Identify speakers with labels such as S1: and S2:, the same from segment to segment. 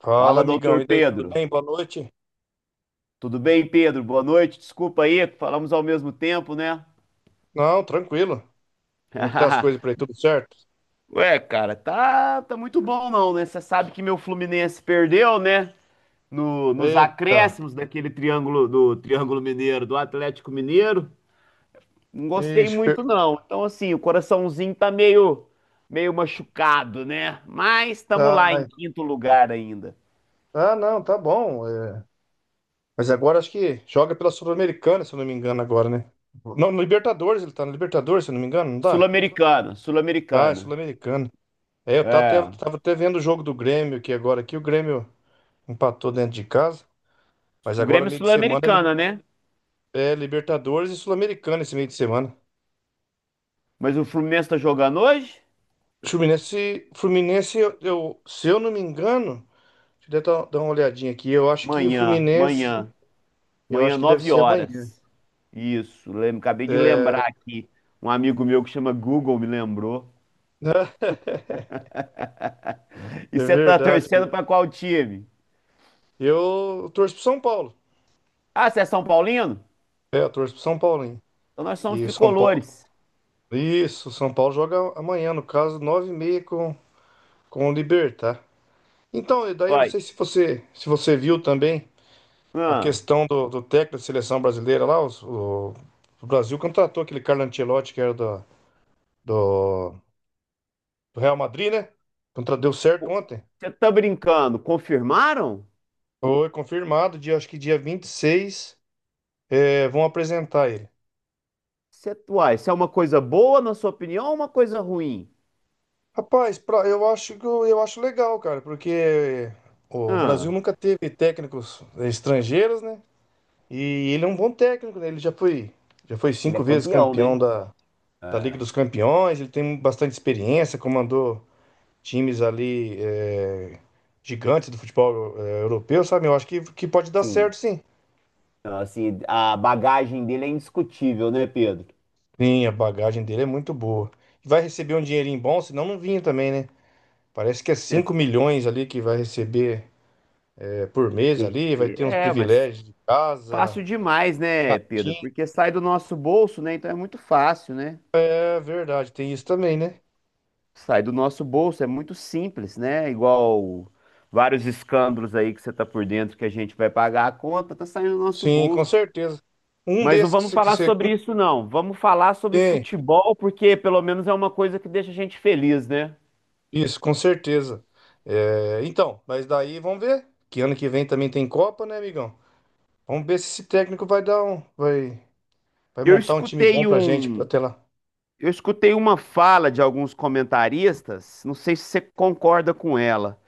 S1: Fala,
S2: Fala,
S1: amigão.
S2: doutor
S1: E daí, tudo
S2: Pedro.
S1: bem? Boa noite.
S2: Tudo bem, Pedro? Boa noite. Desculpa aí, falamos ao mesmo tempo, né?
S1: Não, tranquilo. Como é que tá as coisas por aí? Tudo certo?
S2: Cara, tá muito bom não, né? Você sabe que meu Fluminense perdeu, né? No, nos
S1: Eita.
S2: acréscimos daquele Triângulo Mineiro, do Atlético Mineiro. Não gostei
S1: Ixi, per...
S2: muito não. Então assim, o coraçãozinho tá meio machucado, né? Mas estamos lá em
S1: Ai.
S2: quinto lugar ainda.
S1: Ah, não, tá bom. É. Mas agora acho que joga pela Sul-Americana, se eu não me engano, agora, né? Não, no Libertadores, ele tá no Libertadores, se eu não me engano, não tá? Ah, é
S2: Sul-Americana.
S1: Sul-Americana. É, eu
S2: É,
S1: tava até vendo o jogo do Grêmio aqui agora, aqui o Grêmio empatou dentro de casa, mas
S2: o
S1: agora
S2: Grêmio é
S1: meio de semana li-
S2: Sul-Americana, né?
S1: é Libertadores e Sul-Americana esse meio de semana.
S2: Mas o Fluminense tá jogando hoje?
S1: Fluminense, se eu não me engano, deixa eu dar uma olhadinha aqui. Eu acho que o
S2: Manhã,
S1: Fluminense,
S2: manhã,
S1: eu
S2: manhã,
S1: acho que deve
S2: 9
S1: ser amanhã.
S2: horas. Isso, acabei de
S1: É,
S2: lembrar aqui. Um amigo meu que chama Google me lembrou. E
S1: é
S2: você tá
S1: verdade.
S2: torcendo pra qual time?
S1: Eu torço pro São Paulo.
S2: Ah, você é São Paulino?
S1: É, eu torço pro São Paulo, hein?
S2: Então nós somos
S1: E o São Paulo.
S2: tricolores.
S1: Isso, o São Paulo joga amanhã, no caso, nove e meia com o Libertad. Então, e daí eu não
S2: Olha,
S1: sei se você, se você viu também a
S2: ah,
S1: questão do técnico da seleção brasileira lá. O Brasil contratou aquele Carlo Ancelotti que era do, do Real Madrid, né? Então deu certo
S2: pô,
S1: ontem.
S2: você tá brincando? Confirmaram?
S1: Foi confirmado, dia, acho que dia 26, é, vão apresentar ele.
S2: Você, uai, isso é uma coisa boa, na sua opinião, ou uma coisa ruim?
S1: Rapaz, pra- eu acho que eu acho legal, cara, porque o Brasil
S2: Ah,
S1: nunca teve técnicos é, estrangeiros, né? E ele é um bom técnico, né? Já foi
S2: ele é
S1: cinco vezes
S2: campeão,
S1: campeão
S2: né?
S1: da Liga
S2: É.
S1: dos Campeões, ele tem bastante experiência, comandou times ali é, gigantes do futebol é, europeu, sabe? Eu acho que pode dar
S2: Sim.
S1: certo, sim.
S2: Então, assim, a bagagem dele é indiscutível, né, Pedro?
S1: Sim, a bagagem dele é muito boa. E vai receber um dinheirinho bom, senão não vinha também, né? Parece que é 5
S2: Cês-
S1: milhões ali que vai receber é, por mês ali, vai ter uns
S2: É, mas
S1: privilégios de casa,
S2: fácil demais, né, Pedro?
S1: gatinho.
S2: Porque sai do nosso bolso, né? Então é muito fácil, né?
S1: É verdade, tem isso também, né?
S2: Sai do nosso bolso, é muito simples, né? Igual vários escândalos aí que você tá por dentro que a gente vai pagar a conta, tá saindo do nosso
S1: Sim, com
S2: bolso.
S1: certeza. Um
S2: Mas não
S1: desses
S2: vamos
S1: que
S2: falar
S1: você-
S2: sobre
S1: um-
S2: isso, não. Vamos falar sobre
S1: Tem,
S2: futebol, porque pelo menos é uma coisa que deixa a gente feliz, né?
S1: isso, com certeza. É, então, mas daí vamos ver, que ano que vem também tem Copa, né, amigão? Vamos ver se esse técnico vai dar um... Vai, vai
S2: Eu
S1: montar um time bom
S2: escutei
S1: pra gente
S2: um,
S1: até lá.
S2: eu escutei uma fala de alguns comentaristas, não sei se você concorda com ela,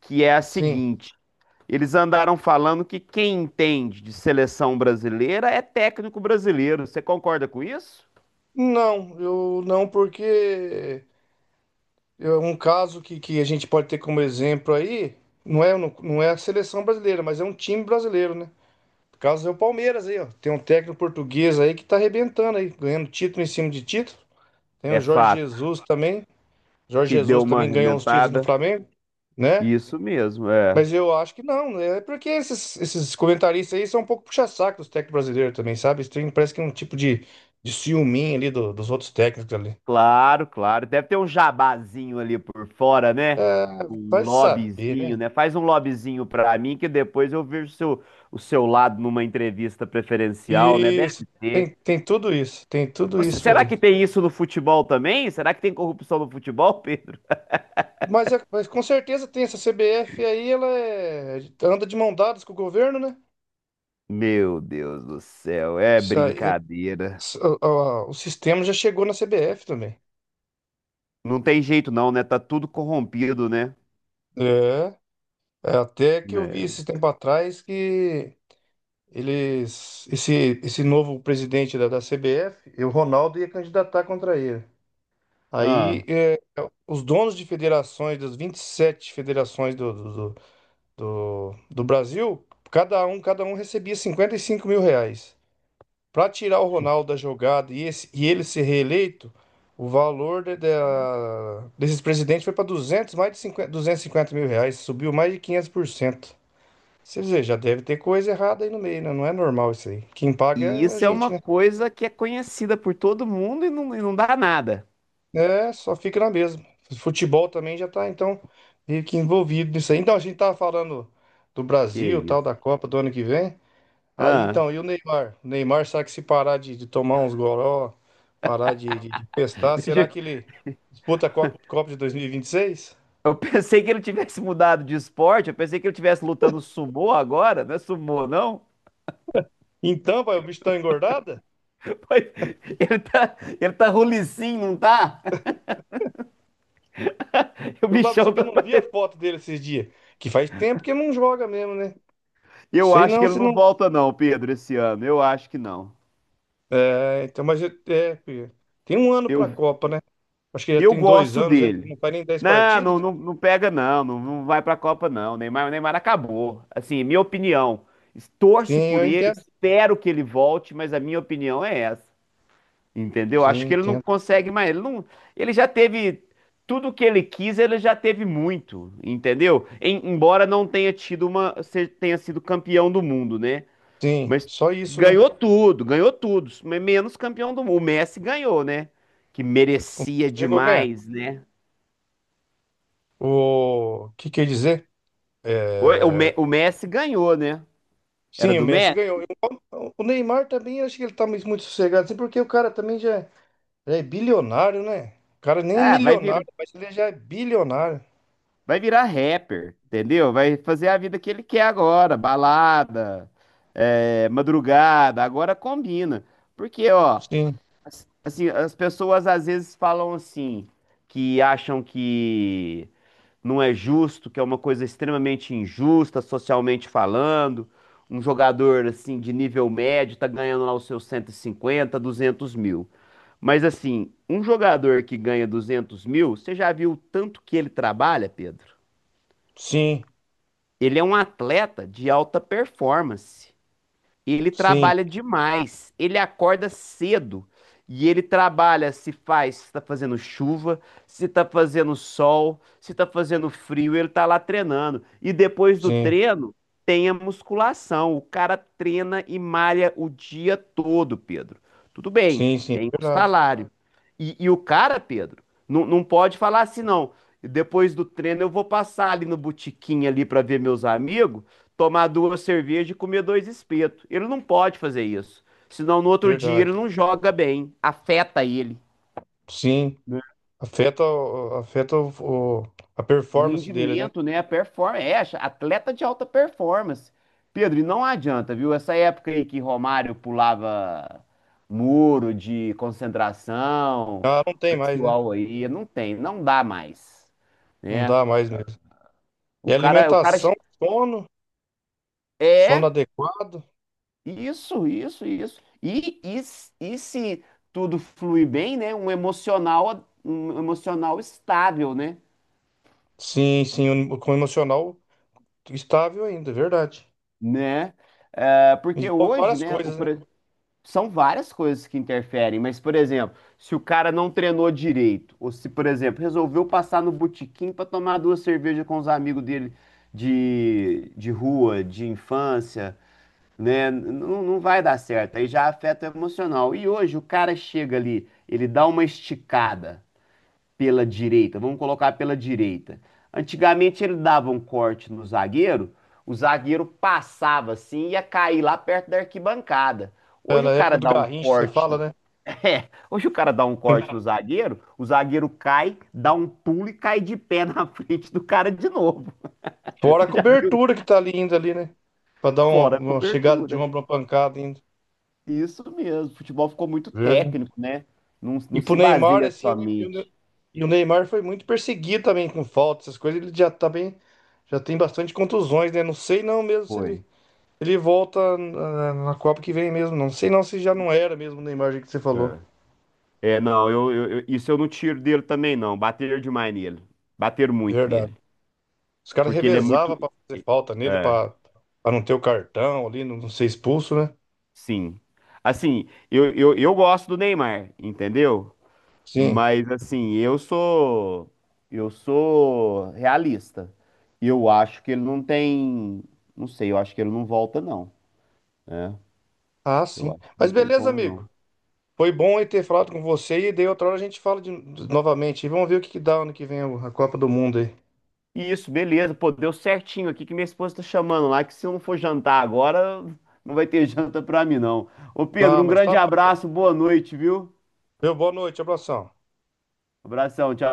S2: que é a
S1: Sim.
S2: seguinte: eles andaram falando que quem entende de seleção brasileira é técnico brasileiro. Você concorda com isso?
S1: Não, eu não, porque é um caso que a gente pode ter como exemplo aí, não é, não é a seleção brasileira, mas é um time brasileiro, né? O caso é o Palmeiras aí, ó. Tem um técnico português aí que tá arrebentando aí, ganhando título em cima de título. Tem o
S2: É
S1: Jorge
S2: fato
S1: Jesus também. Jorge
S2: que
S1: Jesus
S2: deu uma
S1: também ganhou uns títulos no
S2: arrementada.
S1: Flamengo, né?
S2: Isso mesmo, é.
S1: Mas eu acho que não, né? É porque esses comentaristas aí são um pouco puxa-saco dos técnicos brasileiros também, sabe? Eles têm- parece que é um tipo de ciúminho ali do- dos outros técnicos ali.
S2: Claro, claro. Deve ter um jabazinho ali por fora, né? Um
S1: Vai saber,
S2: lobbyzinho,
S1: né?
S2: né? Faz um lobbyzinho pra mim que depois eu vejo o seu lado numa entrevista preferencial, né?
S1: Isso,
S2: Deve ter.
S1: tem, tem tudo
S2: Nossa,
S1: isso
S2: será
S1: aí.
S2: que tem isso no futebol também? Será que tem corrupção no futebol, Pedro?
S1: Mas, é- mas com certeza tem essa CBF aí, ela é- anda de mão dadas com o governo, né?
S2: Meu Deus do céu, é
S1: Isso aí,
S2: brincadeira.
S1: s- o sistema já chegou na CBF também.
S2: Não tem jeito não, né? Tá tudo corrompido, né?
S1: É, é, até que eu vi
S2: É.
S1: esse tempo atrás que esse novo presidente da CBF, e o Ronaldo ia candidatar contra ele. Aí
S2: Ah,
S1: é, os donos de federações, das 27 federações do Brasil, cada um recebia 55 mil reais. Para tirar o Ronaldo da jogada e, esse- e ele ser reeleito, o valor de- da- desses presidentes foi para 200 mais de cinquenta 250 mil reais, subiu mais de 500%. Você dizer, já deve ter coisa errada aí no meio, né? Não é normal isso aí. Quem paga
S2: e
S1: é a
S2: isso é
S1: gente,
S2: uma
S1: né?
S2: coisa que é conhecida por todo mundo e não dá nada.
S1: É, só fica na mesma. Futebol também já tá, então, meio que envolvido nisso aí. Então, a gente tava falando do
S2: Que
S1: Brasil, tal,
S2: isso.
S1: da Copa do ano que vem. Aí
S2: Ah,
S1: então, e o Neymar? O Neymar, será que se parar de tomar uns goró, parar de festar,
S2: deixa
S1: será que ele disputa a Co- Copa de 2026?
S2: eu pensei que ele tivesse mudado de esporte, eu pensei que ele tivesse lutando sumô agora, não é sumô, não?
S1: Então, pai, o bicho tá engordada?
S2: Pois, ele tá rulicim, não tá? O
S1: Eu falo pra você
S2: bichão
S1: que eu
S2: tá...
S1: não vi a foto dele esses dias. Que faz tempo que não joga mesmo, né?
S2: Eu
S1: Sei
S2: acho que
S1: não,
S2: ele
S1: se
S2: não
S1: não.
S2: volta não, Pedro, esse ano. Eu acho que não.
S1: É, então, mas eu- é, filho, tem 1 ano pra
S2: Eu,
S1: Copa, né? Acho que já
S2: eu
S1: tem dois
S2: gosto
S1: anos aí que
S2: dele.
S1: não faz nem dez
S2: Não, não,
S1: partidos.
S2: não, não pega, não, não, não vai pra Copa, não. Neymar acabou. Assim, minha opinião.
S1: Sim,
S2: Torço por
S1: eu
S2: ele,
S1: entendo.
S2: espero que ele volte, mas a minha opinião é essa. Entendeu? Acho
S1: Sim,
S2: que ele não
S1: entendo.
S2: consegue mais. Ele, não, ele já teve tudo que ele quis, ele já teve muito, entendeu? Embora não tenha tido uma, se- tenha sido campeão do mundo, né?
S1: Sim,
S2: Mas
S1: só isso, né?
S2: ganhou tudo, mas menos campeão do mundo. O Messi ganhou, né? Que merecia
S1: Chegou a ganhar.
S2: demais, né?
S1: O que quer dizer?
S2: O, o
S1: É,
S2: Me- o Messi ganhou, né? Era
S1: sim, o
S2: do
S1: Messi
S2: Messi?
S1: ganhou. Eu- o Neymar também, eu acho que ele tá muito muito sossegado, assim, porque o cara também já, já é bilionário, né? O cara nem é
S2: Ah,
S1: milionário, mas ele já é bilionário.
S2: vai virar rapper, entendeu? Vai fazer a vida que ele quer agora, balada, é, madrugada, agora combina. Porque, ó,
S1: Sim,
S2: assim, as pessoas às vezes falam assim, que acham que não é justo, que é uma coisa extremamente injusta, socialmente falando. Um jogador assim de nível médio tá ganhando lá os seus 150 200 mil. Mas assim, um jogador que ganha 200 mil, você já viu o tanto que ele trabalha, Pedro?
S1: sim,
S2: Ele é um atleta de alta performance. Ele
S1: sim,
S2: trabalha demais. Ele acorda cedo. E ele trabalha se tá fazendo chuva, se tá fazendo sol, se tá fazendo frio, ele tá lá treinando. E depois do
S1: sim,
S2: treino, tem a musculação. O cara treina e malha o dia todo, Pedro. Tudo bem,
S1: sim, sim,
S2: tem o
S1: verdade,
S2: salário. E o cara, Pedro, não pode falar assim, não. Depois do treino eu vou passar ali no botequim ali para ver meus amigos tomar duas cervejas e comer dois espetos. Ele não pode fazer isso. Senão no outro dia ele
S1: verdade.
S2: não joga bem, afeta ele.
S1: Sim,
S2: Né?
S1: afeta, o- afeta a
S2: O
S1: performance dele, né?
S2: rendimento, né? A performance. É, atleta de alta performance. Pedro, e não adianta, viu? Essa época aí que Romário pulava muro de concentração,
S1: Ah, não
S2: o
S1: tem mais, né?
S2: pessoal aí, não tem, não dá mais,
S1: Não
S2: né?
S1: dá mais mesmo. E
S2: O cara, o cara
S1: alimentação, sono, sono
S2: é,
S1: adequado.
S2: Isso, isso, isso. E se tudo fluir bem, né? Um emocional estável, né?
S1: Sim, sim, o- com o emocional estável ainda, é verdade.
S2: Né? É, porque
S1: Envolve
S2: hoje,
S1: várias
S2: né,
S1: coisas, né?
S2: são várias coisas que interferem, mas, por exemplo, se o cara não treinou direito, ou se, por exemplo, resolveu passar no botequim para tomar duas cervejas com os amigos dele de rua, de infância, né? Não, não vai dar certo. Aí já afeta o emocional. E hoje o cara chega ali, ele dá uma esticada pela direita, vamos colocar pela direita. Antigamente ele dava um corte no zagueiro, o zagueiro passava assim e ia cair lá perto da arquibancada.
S1: É,
S2: Hoje o
S1: na época
S2: cara
S1: do
S2: dá um
S1: Garrincha, você fala,
S2: corte.
S1: né?
S2: É, hoje o cara dá um corte no zagueiro, o zagueiro cai, dá um pulo e cai de pé na frente do cara de novo.
S1: Fora a
S2: Você já viu?
S1: cobertura que tá ali ainda ali, né? Pra dar
S2: Fora a
S1: uma chegada de
S2: cobertura.
S1: ombro, uma pancada ainda.
S2: Isso mesmo. Futebol ficou muito
S1: Verdade.
S2: técnico, né? Não
S1: E pro
S2: se
S1: Neymar,
S2: baseia
S1: assim,
S2: somente.
S1: e o Neymar foi muito perseguido também com falta, essas coisas. Ele já tá bem, já tem bastante contusões, né? Não sei não mesmo se ele,
S2: Foi.
S1: ele volta na Copa que vem mesmo. Não sei não se já não era mesmo o Neymar, do jeito que você falou.
S2: É, É, não, isso eu não tiro dele também, não. Bateram demais nele. Bateram muito
S1: Verdade.
S2: nele.
S1: Os caras
S2: Porque ele é muito.
S1: revezavam pra fazer falta nele,
S2: É,
S1: pra, pra não ter o cartão ali, não ser expulso, né?
S2: sim. Assim, eu gosto do Neymar, entendeu?
S1: Sim.
S2: Mas, assim, eu sou. Eu sou realista. Eu acho que ele não tem. Não sei, eu acho que ele não volta, não.
S1: Ah,
S2: Eu
S1: sim.
S2: acho que não
S1: Mas
S2: tem
S1: beleza,
S2: como,
S1: amigo.
S2: não.
S1: Foi bom eu ter falado com você e daí outra hora a gente fala de, novamente. E vamos ver o que que dá ano que vem a Copa do Mundo aí.
S2: Isso, beleza. Pô, deu certinho aqui que minha esposa tá chamando lá, que se eu não for jantar agora, não vai ter janta pra mim, não. Ô, Pedro,
S1: Não,
S2: um
S1: mas tá
S2: grande
S1: bom então.
S2: abraço, boa noite, viu?
S1: Meu, boa noite, abração.
S2: Abração, tchau.